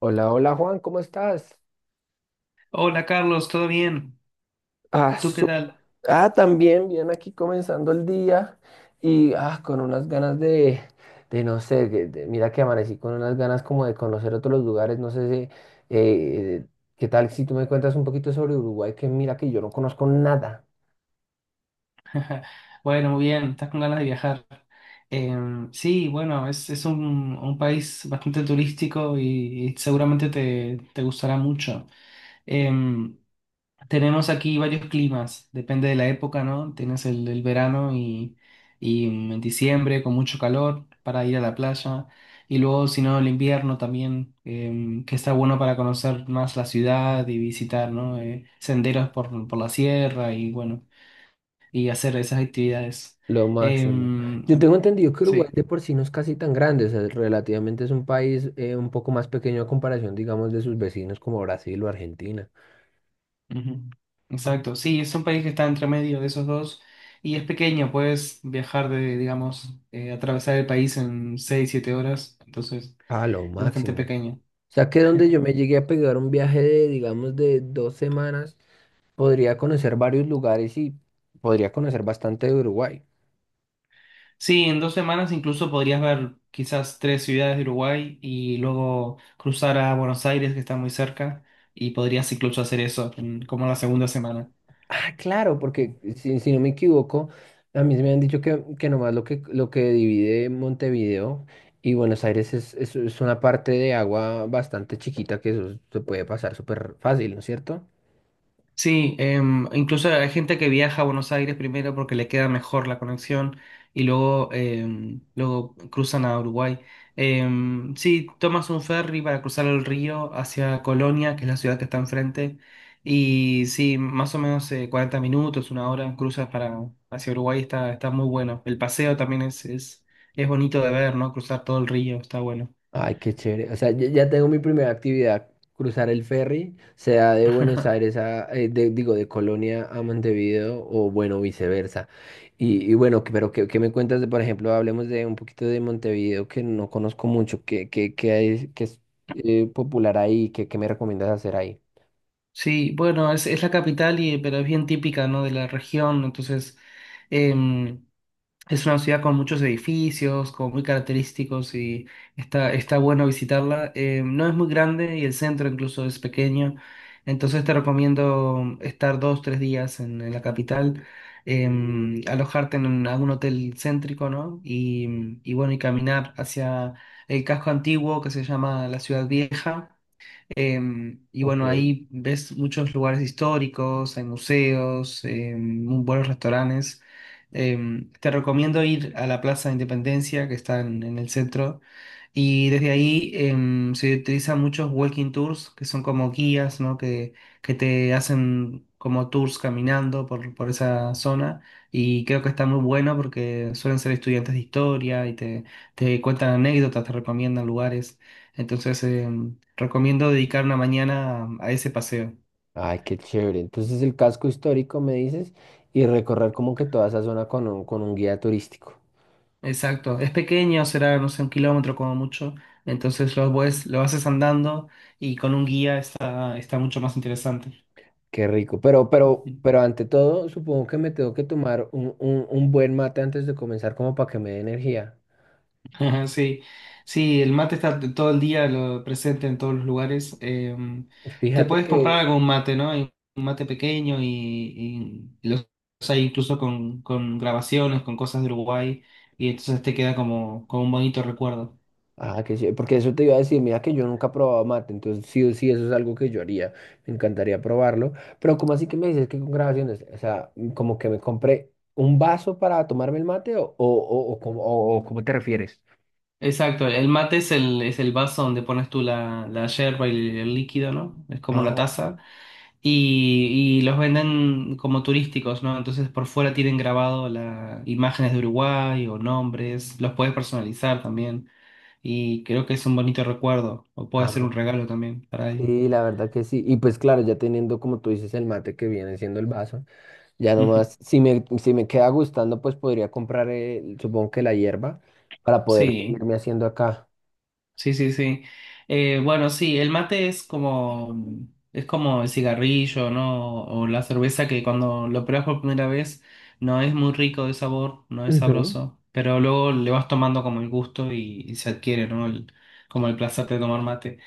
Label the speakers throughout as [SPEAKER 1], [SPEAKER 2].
[SPEAKER 1] Hola, hola Juan, ¿cómo estás?
[SPEAKER 2] Hola Carlos, ¿todo bien?
[SPEAKER 1] Ah,
[SPEAKER 2] ¿Tú qué
[SPEAKER 1] su-
[SPEAKER 2] tal?
[SPEAKER 1] también, bien aquí comenzando el día y con unas ganas de no sé, mira que amanecí con unas ganas como de conocer otros lugares, no sé si, eh, qué tal si tú me cuentas un poquito sobre Uruguay, que mira que yo no conozco nada.
[SPEAKER 2] Bueno, muy bien, estás con ganas de viajar. Sí, bueno, es un país bastante turístico y seguramente te gustará mucho. Em, Tenemos aquí varios climas, depende de la época, ¿no? Tienes el verano y en diciembre con mucho calor para ir a la playa. Y luego, si no, el invierno también, que está bueno para conocer más la ciudad y visitar, ¿no? Senderos por la sierra y bueno, y hacer esas actividades.
[SPEAKER 1] Lo máximo.
[SPEAKER 2] Em,
[SPEAKER 1] Yo tengo entendido que Uruguay
[SPEAKER 2] sí.
[SPEAKER 1] de por sí no es casi tan grande, o sea, relativamente es un país un poco más pequeño a comparación, digamos, de sus vecinos como Brasil o Argentina.
[SPEAKER 2] Ujú. Exacto, sí, es un país que está entre medio de esos dos y es pequeño, puedes viajar de, digamos, atravesar el país en 6 7 horas, entonces
[SPEAKER 1] Ah, lo
[SPEAKER 2] es bastante
[SPEAKER 1] máximo. O
[SPEAKER 2] pequeño.
[SPEAKER 1] sea que donde yo me llegué a pegar un viaje de, digamos, de dos semanas, podría conocer varios lugares y podría conocer bastante de Uruguay.
[SPEAKER 2] Sí, en dos semanas incluso podrías ver quizás tres ciudades de Uruguay y luego cruzar a Buenos Aires, que está muy cerca, y podrías incluso hacer eso en- como la segunda semana.
[SPEAKER 1] Ah, claro, porque si no me equivoco, a mí me han dicho que nomás lo que divide Montevideo y Buenos Aires es una parte de agua bastante chiquita que eso se puede pasar súper fácil, ¿no es cierto?
[SPEAKER 2] Sí, incluso hay gente que viaja a Buenos Aires primero porque le queda mejor la conexión y luego, luego cruzan a Uruguay. Sí, tomas un ferry para cruzar el río hacia Colonia, que es la ciudad que está enfrente, y sí, más o menos 40 minutos, una hora, cruzas para, hacia Uruguay, está, está muy bueno. El paseo también es, es bonito de ver, ¿no? Cruzar todo el río, está bueno.
[SPEAKER 1] Ay, qué chévere. O sea, ya tengo mi primera actividad, cruzar el ferry, sea de Buenos Aires a, digo, de Colonia a Montevideo o bueno, viceversa. Y bueno, pero ¿qué, qué me cuentas de, por ejemplo, hablemos de un poquito de Montevideo que no conozco mucho, qué, qué, qué hay, qué es popular ahí, qué, qué me recomiendas hacer ahí?
[SPEAKER 2] Sí, bueno, es la capital, y, pero es bien típica, ¿no? De la región, entonces… em, es una ciudad con muchos edificios, como muy característicos y está, está bueno visitarla. No es muy grande y el centro incluso es pequeño, entonces te recomiendo estar dos, tres días en la capital, alojarte en un- algún hotel céntrico, ¿no? Y bueno, y caminar hacia el casco antiguo que se llama la Ciudad Vieja. Y
[SPEAKER 1] Ok.
[SPEAKER 2] bueno, ahí ves muchos lugares históricos, hay museos, muy buenos restaurantes. Te recomiendo ir a la Plaza de Independencia, que está en el centro, y desde ahí se utilizan muchos walking tours, que son como guías, ¿no? Que te hacen como tours caminando por esa zona, y creo que está muy bueno porque suelen ser estudiantes de historia y te cuentan anécdotas, te recomiendan lugares. Entonces, recomiendo dedicar una mañana a ese paseo.
[SPEAKER 1] Ay, qué chévere. Entonces el casco histórico, me dices, y recorrer como que toda esa zona con un guía turístico.
[SPEAKER 2] Exacto. Es pequeño, será, no sé, un kilómetro como mucho. Entonces lo, puedes- lo haces andando y con un guía está, está mucho más interesante.
[SPEAKER 1] Qué rico. Pero, pero,
[SPEAKER 2] Ujú.
[SPEAKER 1] pero ante todo, supongo que me tengo que tomar un buen mate antes de comenzar, como para que me dé energía.
[SPEAKER 2] Sí, sí, el mate está t- todo el día lo, presente en todos los lugares. Te
[SPEAKER 1] Fíjate
[SPEAKER 2] puedes comprar
[SPEAKER 1] que.
[SPEAKER 2] algún mate, ¿no? Hay un mate pequeño y los hay incluso con grabaciones, con cosas de Uruguay. Y entonces te queda como, como un bonito recuerdo.
[SPEAKER 1] Ah, que sí, porque eso te iba a decir, mira que yo nunca he probado mate, entonces sí o sí, eso es algo que yo haría, me encantaría probarlo, pero ¿cómo así que me dices que con grabaciones? O sea, como que me compré un vaso para tomarme el mate o cómo o cómo te refieres?
[SPEAKER 2] Exacto, el mate es el vaso donde pones tú la, la yerba y el líquido, ¿no? Es como
[SPEAKER 1] Ah,
[SPEAKER 2] la taza.
[SPEAKER 1] ok.
[SPEAKER 2] Y los venden como turísticos, ¿no? Entonces por fuera tienen grabado la, imágenes de Uruguay o nombres, los puedes personalizar también. Y creo que es un bonito recuerdo, o puede ser
[SPEAKER 1] Ah,
[SPEAKER 2] un regalo también para alguien.
[SPEAKER 1] sí, la verdad que sí, y pues claro, ya teniendo como tú dices el mate que viene siendo el vaso. Ya
[SPEAKER 2] Ujú.
[SPEAKER 1] nomás, si me queda gustando, pues podría comprar, supongo que la hierba, para poder
[SPEAKER 2] Sí.
[SPEAKER 1] seguirme haciendo acá.
[SPEAKER 2] Sí, sí, sí. Bueno, sí, el mate es como el cigarrillo, ¿no? O la cerveza que cuando lo pruebas por primera vez no es muy rico de sabor, no es
[SPEAKER 1] Ujú.
[SPEAKER 2] sabroso, pero luego le vas tomando como el gusto y se adquiere, ¿no? El- como el placer de tomar mate.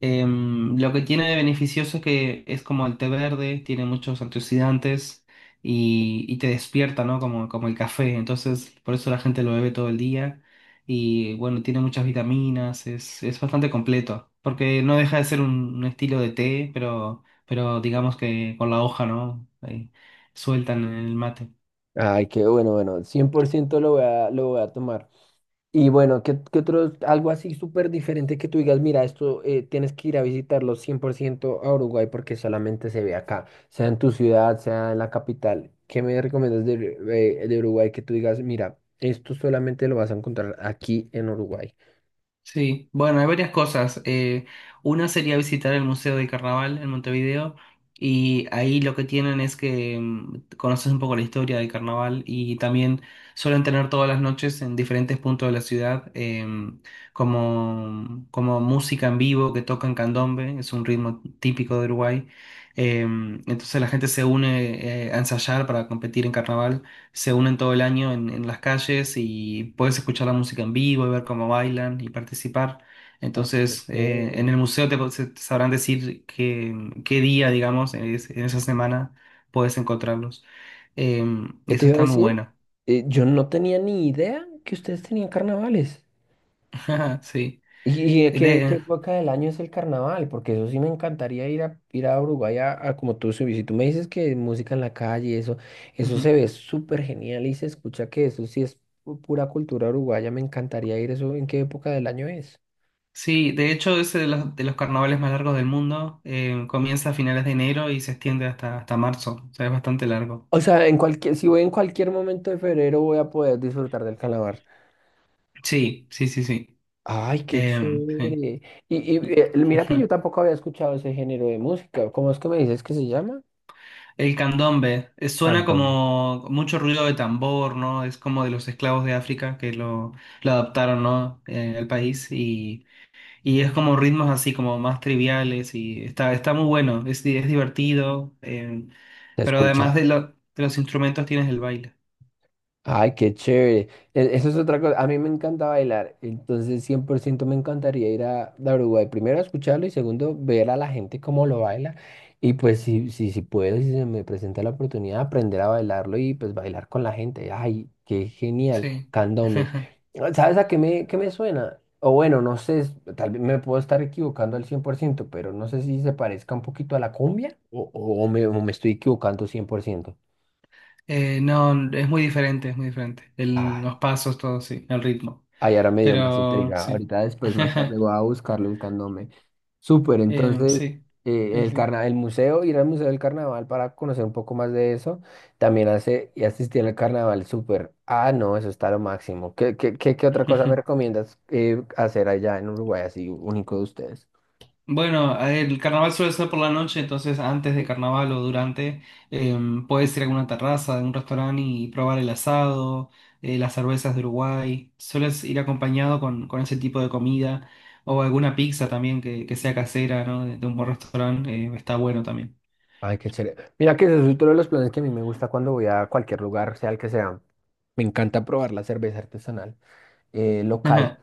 [SPEAKER 2] Lo que tiene de beneficioso es que es como el té verde, tiene muchos antioxidantes y te despierta, ¿no? Como, como el café, entonces por eso la gente lo bebe todo el día y bueno, tiene muchas vitaminas, es bastante completo, porque no deja de ser un estilo de té, pero digamos que con la hoja, ¿no? Ahí, sueltan en el mate.
[SPEAKER 1] Ay, qué bueno, bueno, 100% lo voy a tomar. Y bueno, ¿qué, qué otro, algo así súper diferente que tú digas, mira, esto tienes que ir a visitarlo 100% a Uruguay porque solamente se ve acá, sea en tu ciudad, sea en la capital. ¿Qué me recomiendas de, de Uruguay que tú digas, mira, esto solamente lo vas a encontrar aquí en Uruguay?
[SPEAKER 2] Sí, bueno, hay varias cosas. Una sería visitar el Museo de Carnaval en Montevideo y ahí lo que tienen es que mm, conoces un poco la historia del carnaval y también suelen tener todas las noches en diferentes puntos de la ciudad como, como música en vivo que tocan candombe, es un ritmo típico de Uruguay. Entonces la gente se une a ensayar para competir en carnaval, se unen todo el año en las calles y puedes escuchar la música en vivo y ver cómo bailan y participar. Entonces, en el museo te, se- te sabrán decir qué, qué día, digamos, en, es- en esa semana puedes encontrarlos. Eh, y
[SPEAKER 1] ¿Qué te
[SPEAKER 2] eso
[SPEAKER 1] iba a
[SPEAKER 2] está muy
[SPEAKER 1] decir?
[SPEAKER 2] bueno.
[SPEAKER 1] Yo no tenía ni idea que ustedes tenían carnavales.
[SPEAKER 2] Sí.
[SPEAKER 1] ¿Y a qué, ¿qué
[SPEAKER 2] De,
[SPEAKER 1] época del año es el carnaval? Porque eso sí me encantaría ir a, ir a Uruguay a como tú, si tú me dices que música en la calle, y eso
[SPEAKER 2] ujú.
[SPEAKER 1] se ve súper genial y se escucha que eso sí es pura cultura uruguaya. Me encantaría ir eso. ¿En qué época del año es?
[SPEAKER 2] Sí, de hecho, ese de los carnavales más largos del mundo. Comienza a finales de enero y se extiende hasta, hasta marzo. O sea, es bastante largo.
[SPEAKER 1] O sea, en cualquier, si voy en cualquier momento de febrero voy a poder disfrutar del carnaval.
[SPEAKER 2] Sí, sí, sí, sí.
[SPEAKER 1] Ay, qué
[SPEAKER 2] Sí.
[SPEAKER 1] chévere. Mira que yo tampoco había escuchado ese género de música. ¿Cómo es que me dices que se llama?
[SPEAKER 2] El candombe suena
[SPEAKER 1] Candombe.
[SPEAKER 2] como mucho ruido de tambor, ¿no? Es como de los esclavos de África que lo adaptaron, ¿no? Al país y es como ritmos así como más triviales y está, está muy bueno, es, di- es divertido,
[SPEAKER 1] Se
[SPEAKER 2] pero además
[SPEAKER 1] escucha.
[SPEAKER 2] de, lo- de los instrumentos tienes el baile,
[SPEAKER 1] Ay, qué chévere. E- Eso es otra cosa. A mí me encanta bailar, entonces 100% me encantaría ir a Uruguay. Primero, a escucharlo y segundo, ver a la gente cómo lo baila. Y pues si puedo, si se me presenta la oportunidad, aprender a bailarlo y pues bailar con la gente. Ay, qué genial.
[SPEAKER 2] sí.
[SPEAKER 1] Candombe. Ah, ¿sabes a qué me suena? O bueno, no sé, tal vez me puedo estar equivocando al 100%, pero no sé si se parezca un poquito a la cumbia o, o me estoy equivocando 100%.
[SPEAKER 2] No, es muy diferente, es muy diferente. El- los pasos, todo, sí, el ritmo,
[SPEAKER 1] Ahí ahora me dio más
[SPEAKER 2] pero
[SPEAKER 1] intriga.
[SPEAKER 2] sí.
[SPEAKER 1] Ahorita después, más tarde, voy a buscarlo el candome. Súper, entonces,
[SPEAKER 2] Sí, sí, sí.
[SPEAKER 1] el museo, ir al Museo del Carnaval para conocer un poco más de eso, también hace y asistir al carnaval, súper. Ah, no, eso está lo máximo. ¿Qué, qué, qué, qué otra cosa me recomiendas hacer allá en Uruguay, así único de ustedes?
[SPEAKER 2] Bueno, el carnaval suele ser por la noche, entonces antes de carnaval o durante, eh, puedes ir a alguna terraza, a un restaurante y probar el asado, las cervezas de Uruguay. Sueles ir acompañado con ese tipo de comida o alguna pizza también que sea casera, ¿no? De un buen restaurante, está bueno también.
[SPEAKER 1] Ay, qué chévere. Mira que ese es otro de los planes que a mí me gusta cuando voy a cualquier lugar, sea el que sea. Me encanta probar la cerveza artesanal local,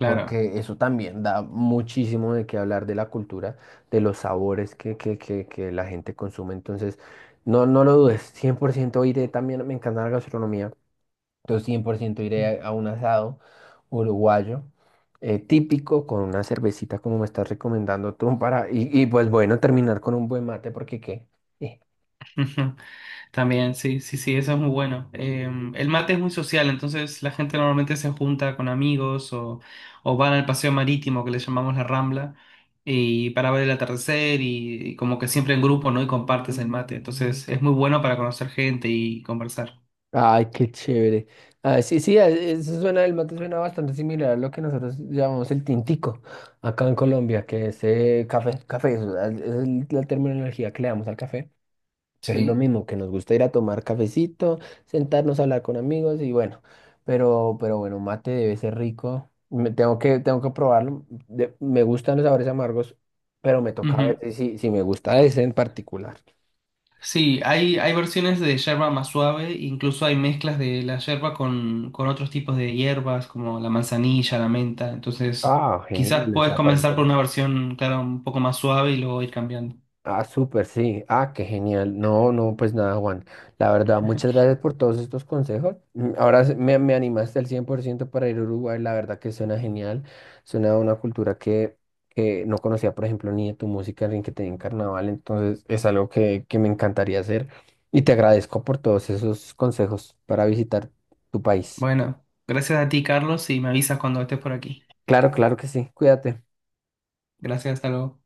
[SPEAKER 2] Claro.
[SPEAKER 1] porque eso también da muchísimo de qué hablar de la cultura, de los sabores que, que la gente consume. Entonces, no, no lo dudes, 100% iré también, me encanta la gastronomía, entonces 100% iré a un asado uruguayo, típico con una cervecita como me estás recomendando tú para y pues bueno terminar con un buen mate porque qué.
[SPEAKER 2] Ujú. También, sí, sí, sí, eso es muy bueno. El mate es muy social, entonces la gente normalmente se junta con amigos o van al paseo marítimo que le llamamos la Rambla y para ver el atardecer y como que siempre en grupo, ¿no? Y compartes el mate, entonces es muy bueno para conocer gente y conversar.
[SPEAKER 1] Ay, qué chévere. Ah, sí, sí, eso suena, el mate suena bastante similar a lo que nosotros llamamos el tintico acá en Colombia, que es café, es la la terminología que le damos al café, pero es lo
[SPEAKER 2] Sí.
[SPEAKER 1] mismo, que nos gusta ir a tomar cafecito, sentarnos a hablar con amigos y bueno, pero bueno, mate debe ser rico. Tengo que probarlo. Me gustan los sabores amargos, pero me toca ver
[SPEAKER 2] Ujú.
[SPEAKER 1] si, si me gusta ese en particular.
[SPEAKER 2] Sí, hay versiones de yerba más suave, incluso hay mezclas de la yerba con otros tipos de hierbas como la manzanilla, la menta. Entonces,
[SPEAKER 1] Ah,
[SPEAKER 2] quizás
[SPEAKER 1] genial, o
[SPEAKER 2] puedes
[SPEAKER 1] sea, para
[SPEAKER 2] comenzar por
[SPEAKER 1] encontrar.
[SPEAKER 2] una versión, claro, un poco más suave y luego ir cambiando.
[SPEAKER 1] Ah, súper, sí. Ah, qué genial. No, no, pues nada, Juan. La verdad, muchas gracias por todos estos consejos. Mm, ahora me animaste al 100% para ir a Uruguay. La verdad que suena genial. Suena a una cultura que no conocía, por ejemplo, ni de tu música, ni que tenía en carnaval. Entonces, es algo que me encantaría hacer. Y te agradezco por todos esos consejos para visitar tu país.
[SPEAKER 2] Bueno, gracias a ti, Carlos, y me avisas cuando estés por aquí.
[SPEAKER 1] Claro, claro que sí. Cuídate.
[SPEAKER 2] Gracias, hasta luego.